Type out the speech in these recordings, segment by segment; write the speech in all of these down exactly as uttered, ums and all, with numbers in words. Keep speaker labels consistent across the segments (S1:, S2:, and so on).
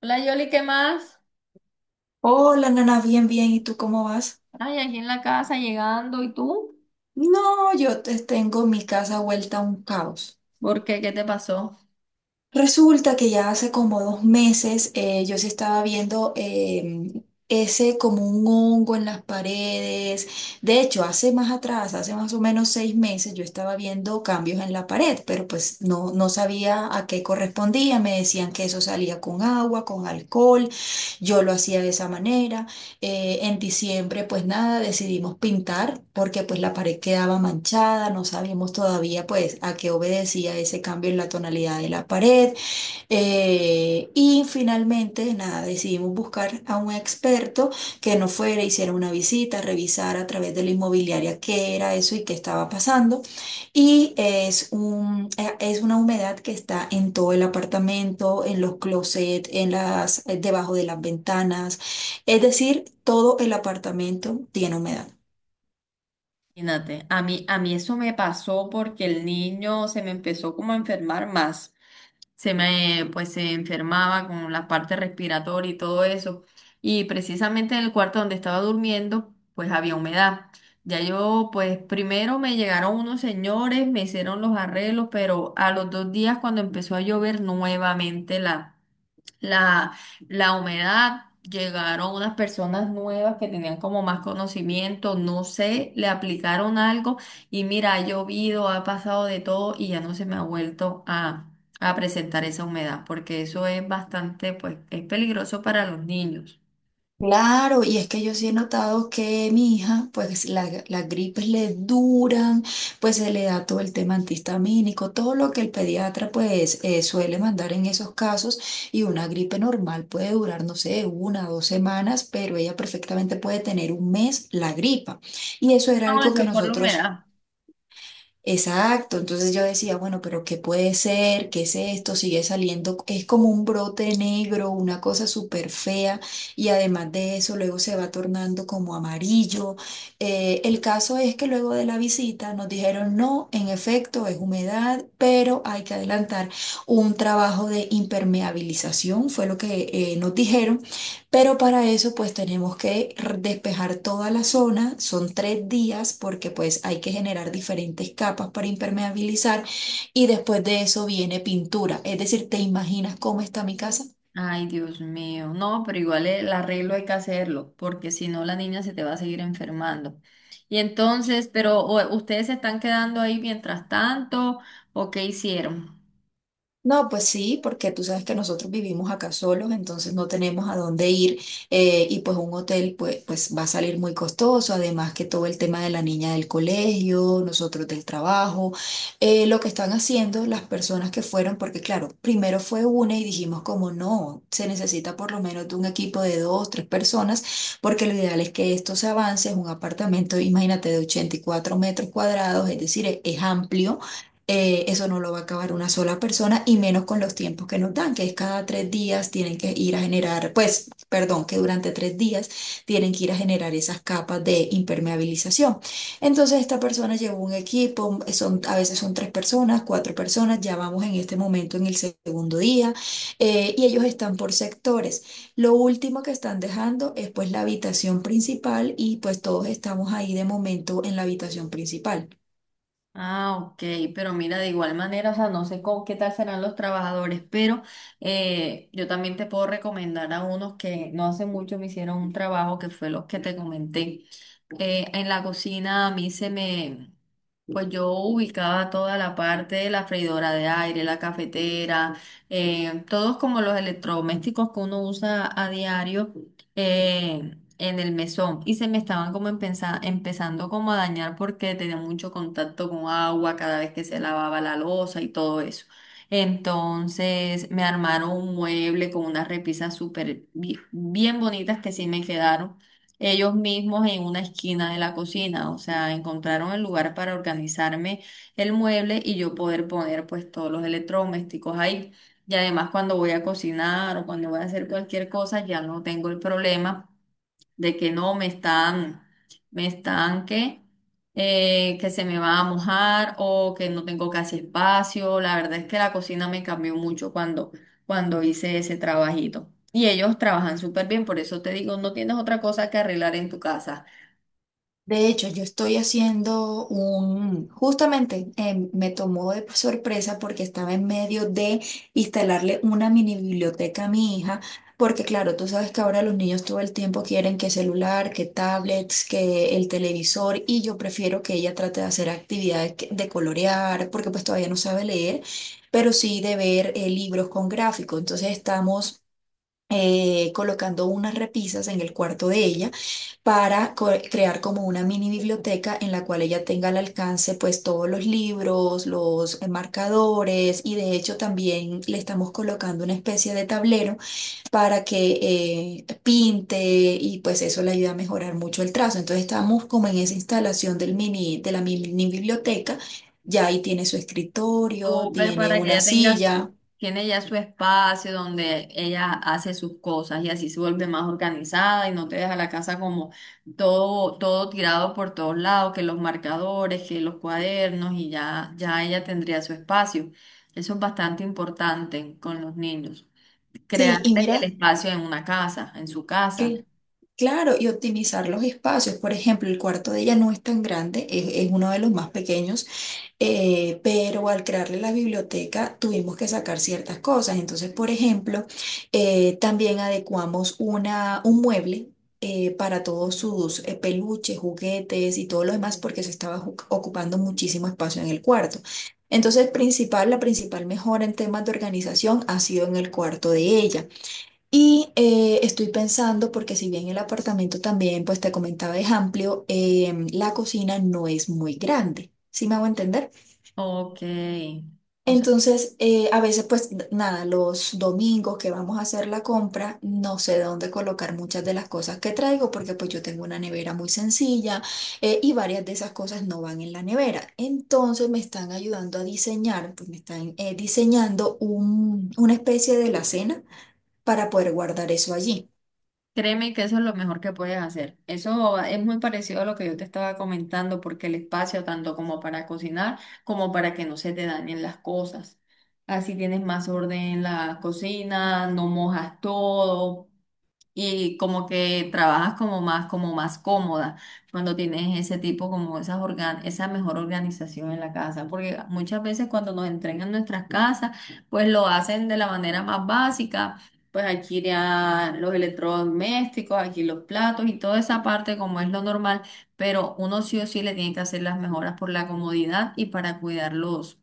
S1: Hola Yoli, ¿qué más?
S2: Hola, Nana, bien, bien. ¿Y tú cómo vas?
S1: Ay, aquí en la casa llegando, ¿y tú?
S2: No, yo te- tengo mi casa vuelta a un caos.
S1: ¿Por qué? ¿Qué te pasó?
S2: Resulta que ya hace como dos meses eh, yo sí estaba viendo em, ese como un hongo en las paredes. De hecho, hace más atrás, hace más o menos seis meses, yo estaba viendo cambios en la pared, pero pues no, no sabía a qué correspondía. Me decían que eso salía con agua, con alcohol. Yo lo hacía de esa manera. Eh, en diciembre, pues nada, decidimos pintar porque pues la pared quedaba manchada, no sabíamos todavía pues a qué obedecía ese cambio en la tonalidad de la pared. Eh, y finalmente, nada, decidimos buscar a un experto que nos fuera, hiciera una visita, revisara a través de la inmobiliaria qué era eso y qué estaba pasando. Y es un, eh, es una humedad que está en todo el apartamento, en los closets, en las, eh, debajo de las ventanas. Es decir, todo el apartamento tiene humedad.
S1: Imagínate, a mí, a mí eso me pasó porque el niño se me empezó como a enfermar más. Se me, pues se enfermaba con la parte respiratoria y todo eso. Y precisamente en el cuarto donde estaba durmiendo, pues había humedad. Ya yo, pues primero me llegaron unos señores, me hicieron los arreglos, pero a los dos días cuando empezó a llover nuevamente la la, la humedad, llegaron unas personas nuevas que tenían como más conocimiento, no sé, le aplicaron algo y mira, ha llovido, ha pasado de todo y ya no se me ha vuelto a, a presentar esa humedad, porque eso es bastante, pues, es peligroso para los niños.
S2: Claro, y es que yo sí he notado que mi hija, pues la- las gripes le duran, pues se le da todo el tema antihistamínico, todo lo que el pediatra pues eh, suele mandar en esos casos, y una gripe normal puede durar, no sé, una o dos semanas, pero ella perfectamente puede tener un mes la gripa. Y eso era
S1: No,
S2: algo
S1: esa
S2: que
S1: es por la
S2: nosotros.
S1: humedad.
S2: Exacto, entonces yo decía, bueno, pero ¿qué puede ser? ¿Qué es esto? Sigue saliendo, es como un brote negro, una cosa súper fea y además de eso luego se va tornando como amarillo. Eh, el caso es que luego de la visita nos dijeron, no, en efecto es humedad, pero hay que adelantar un trabajo de impermeabilización, fue lo que eh, nos dijeron. Pero para eso pues tenemos que r- despejar toda la zona, son tres días porque pues hay que generar diferentes capas para impermeabilizar y después de eso viene pintura. Es decir, ¿te imaginas cómo está mi casa?
S1: Ay, Dios mío. No, pero igual el arreglo hay que hacerlo, porque si no la niña se te va a seguir enfermando. Y entonces, pero o- ¿ustedes se están quedando ahí mientras tanto o qué hicieron?
S2: No, pues sí, porque tú sabes que nosotros vivimos acá solos, entonces no tenemos a dónde ir, eh, y pues un hotel pues, pues va a salir muy costoso, además que todo el tema de la niña del colegio, nosotros del trabajo, eh, lo que están haciendo las personas que fueron, porque claro, primero fue una y dijimos como no, se necesita por lo menos de un equipo de dos, tres personas, porque lo ideal es que esto se avance, es un apartamento, imagínate, de ochenta y cuatro metros cuadrados, es decir, es es amplio. Eh, eso no lo va a acabar una sola persona y menos con los tiempos que nos dan, que es cada tres días tienen que ir a generar, pues, perdón, que durante tres días tienen que ir a generar esas capas de impermeabilización. Entonces esta persona llevó un equipo, son, a veces son tres personas, cuatro personas, ya vamos en este momento en el segundo día, eh, y ellos están por sectores. Lo último que están dejando es pues la habitación principal y pues todos estamos ahí de momento en la habitación principal.
S1: Ah, ok, pero mira, de igual manera, o sea, no sé cómo, qué tal serán los trabajadores, pero eh, yo también te puedo recomendar a unos que no hace mucho me hicieron un trabajo que fue los que te comenté. Eh, en la cocina a mí se me... Pues yo ubicaba toda la parte de la freidora de aire, la cafetera, eh, todos como los electrodomésticos que uno usa a diario eh, en el mesón. Y se me estaban como empeza- empezando como a dañar porque tenía mucho contacto con agua cada vez que se lavaba la loza y todo eso. Entonces me armaron un mueble con unas repisas súper bi- bien bonitas que sí me quedaron ellos mismos en una esquina de la cocina, o sea, encontraron el lugar para organizarme el mueble y yo poder poner pues todos los electrodomésticos ahí. Y además cuando voy a cocinar o cuando voy a hacer cualquier cosa ya no tengo el problema de que no me están, me están que, eh, que se me va a mojar o que no tengo casi espacio. La verdad es que la cocina me cambió mucho cuando, cuando hice ese trabajito. Y ellos trabajan súper bien, por eso te digo, no tienes otra cosa que arreglar en tu casa.
S2: De hecho, yo estoy haciendo un, justamente, eh, me tomó de sorpresa porque estaba en medio de instalarle una mini biblioteca a mi hija, porque claro, tú sabes que ahora los niños todo el tiempo quieren que celular, que tablets, que el televisor, y yo prefiero que ella trate de hacer actividades que- de colorear, porque pues todavía no sabe leer, pero sí de ver eh, libros con gráficos. Entonces estamos... eh, colocando unas repisas en el cuarto de ella para co- crear como una mini biblioteca en la cual ella tenga al alcance pues todos los libros, los eh, marcadores, y de hecho también le estamos colocando una especie de tablero para que eh, pinte y pues eso le ayuda a mejorar mucho el trazo. Entonces estamos como en esa instalación del mini, de la mini biblioteca. Ya ahí tiene su escritorio,
S1: Súper
S2: tiene
S1: para que
S2: una
S1: ella tenga su,
S2: silla.
S1: tiene ya su espacio donde ella hace sus cosas y así se vuelve más organizada y no te deja la casa como todo, todo tirado por todos lados, que los marcadores, que los cuadernos y ya, ya ella tendría su espacio. Eso es bastante importante con los niños.
S2: Sí, y
S1: Crearle el
S2: mira.
S1: espacio en una casa, en su casa.
S2: Claro, y optimizar los espacios. Por ejemplo, el cuarto de ella no es tan grande, es, es uno de los más pequeños. Eh, pero al crearle la biblioteca tuvimos que sacar ciertas cosas. Entonces, por ejemplo, eh, también adecuamos una, un mueble eh, para todos sus eh, peluches, juguetes y todo lo demás, porque se estaba ju- ocupando muchísimo espacio en el cuarto. Entonces, principal, la principal mejora en temas de organización ha sido en el cuarto de ella. Y eh, estoy pensando, porque si bien el apartamento también, pues te comentaba, es amplio, em, la cocina no es muy grande, ¿sí me hago entender?
S1: Ok. O
S2: Entonces, eh, a veces, pues n- nada, los domingos que vamos a hacer la compra, no sé dónde colocar muchas de las cosas que traigo, porque pues yo tengo una nevera muy sencilla, eh, y varias de esas cosas no van en la nevera. Entonces me están ayudando a diseñar, pues me están eh, diseñando un- una especie de la cena para poder guardar eso allí.
S1: Créeme que eso es lo mejor que puedes hacer. Eso es muy parecido a lo que yo te estaba comentando, porque el espacio, tanto como para cocinar, como para que no se te dañen las cosas. Así tienes más orden en la cocina, no mojas todo y como que trabajas como más, como más cómoda cuando tienes ese tipo, como esas organ esa mejor organización en la casa, porque muchas veces cuando nos entregan nuestras casas, pues lo hacen de la manera más básica, pues aquí ya los electrodomésticos, aquí los platos y toda esa parte como es lo normal, pero uno sí o sí le tiene que hacer las mejoras por la comodidad y para cuidarlos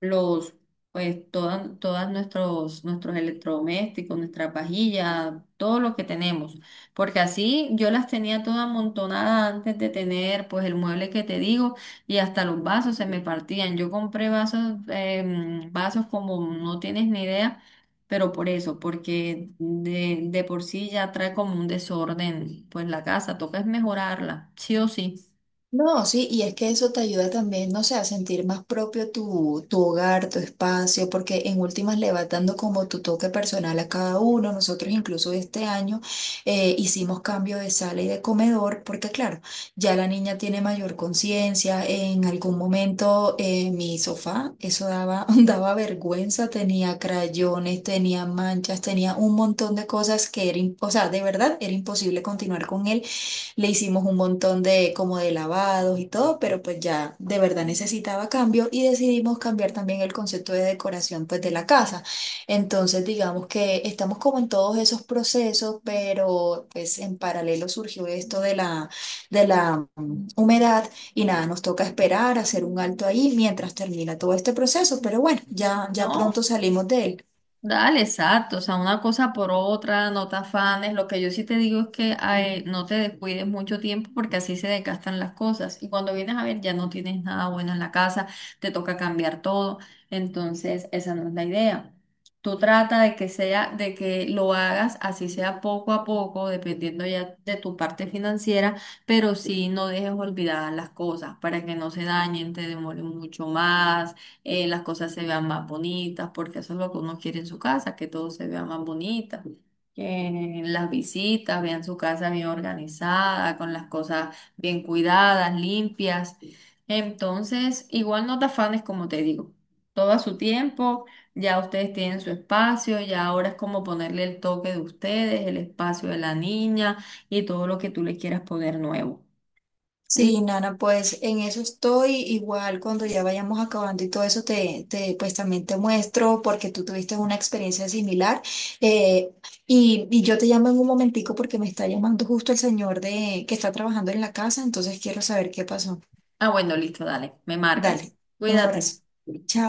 S1: los, pues, todas, todas nuestros, nuestros electrodomésticos, nuestras vajillas, todo lo que tenemos. Porque así yo las tenía toda amontonada antes de tener, pues, el mueble que te digo y hasta los vasos se me partían. Yo compré vasos, em, vasos como no tienes ni idea, pero por eso, porque de, de por sí ya trae como un desorden, pues, la casa, toca es mejorarla, sí o sí.
S2: No, sí, y es que eso te ayuda también, no sé, a sentir más propio tu, tu, hogar, tu espacio, porque en últimas le vas dando como tu toque personal a cada uno. Nosotros incluso este año eh, hicimos cambio de sala y de comedor, porque claro, ya la niña tiene mayor conciencia. En algún momento, eh, mi sofá, eso daba, daba vergüenza, tenía crayones, tenía manchas, tenía un montón de cosas que era, im- o sea, de verdad era imposible continuar con él. Le hicimos un montón de como de lavados y todo, pero pues ya de verdad necesitaba cambio y decidimos cambiar también el concepto de decoración pues de la casa. Entonces digamos que estamos como en todos esos procesos, pero pues en paralelo surgió esto de la, de la mm, humedad y nada, nos toca esperar, hacer un alto ahí mientras termina todo este proceso, pero bueno, ya, ya pronto
S1: No,
S2: salimos de él.
S1: dale, exacto, o sea, una cosa por otra, no te afanes. Lo que yo sí te digo es que ay, no te descuides mucho tiempo porque así se desgastan las cosas. Y cuando vienes a ver, ya no tienes nada bueno en la casa, te toca cambiar todo. Entonces, esa no es la idea. Tú trata de que sea, de que lo hagas así sea poco a poco, dependiendo ya de tu parte financiera, pero sí no dejes olvidadas las cosas para que no se dañen, te demoren mucho más eh, las cosas se vean más bonitas, porque eso es lo que uno quiere en su casa, que todo se vea más bonita, que las visitas vean su casa bien organizada, con las cosas bien cuidadas, limpias. Entonces, igual no te afanes, como te digo, todo a su tiempo, ya ustedes tienen su espacio, ya ahora es como ponerle el toque de ustedes, el espacio de la niña y todo lo que tú le quieras poner nuevo. Y-
S2: Sí, Nana, pues en eso estoy. Igual cuando ya vayamos acabando y todo eso, te, te, pues también te muestro porque tú tuviste una experiencia similar. Eh, y, y yo te llamo en un momentico porque me está llamando justo el señor de, que está trabajando en la casa, entonces quiero saber qué pasó.
S1: Ah, bueno, listo, dale, me marcas.
S2: Dale, un
S1: Cuídate.
S2: abrazo. Chao.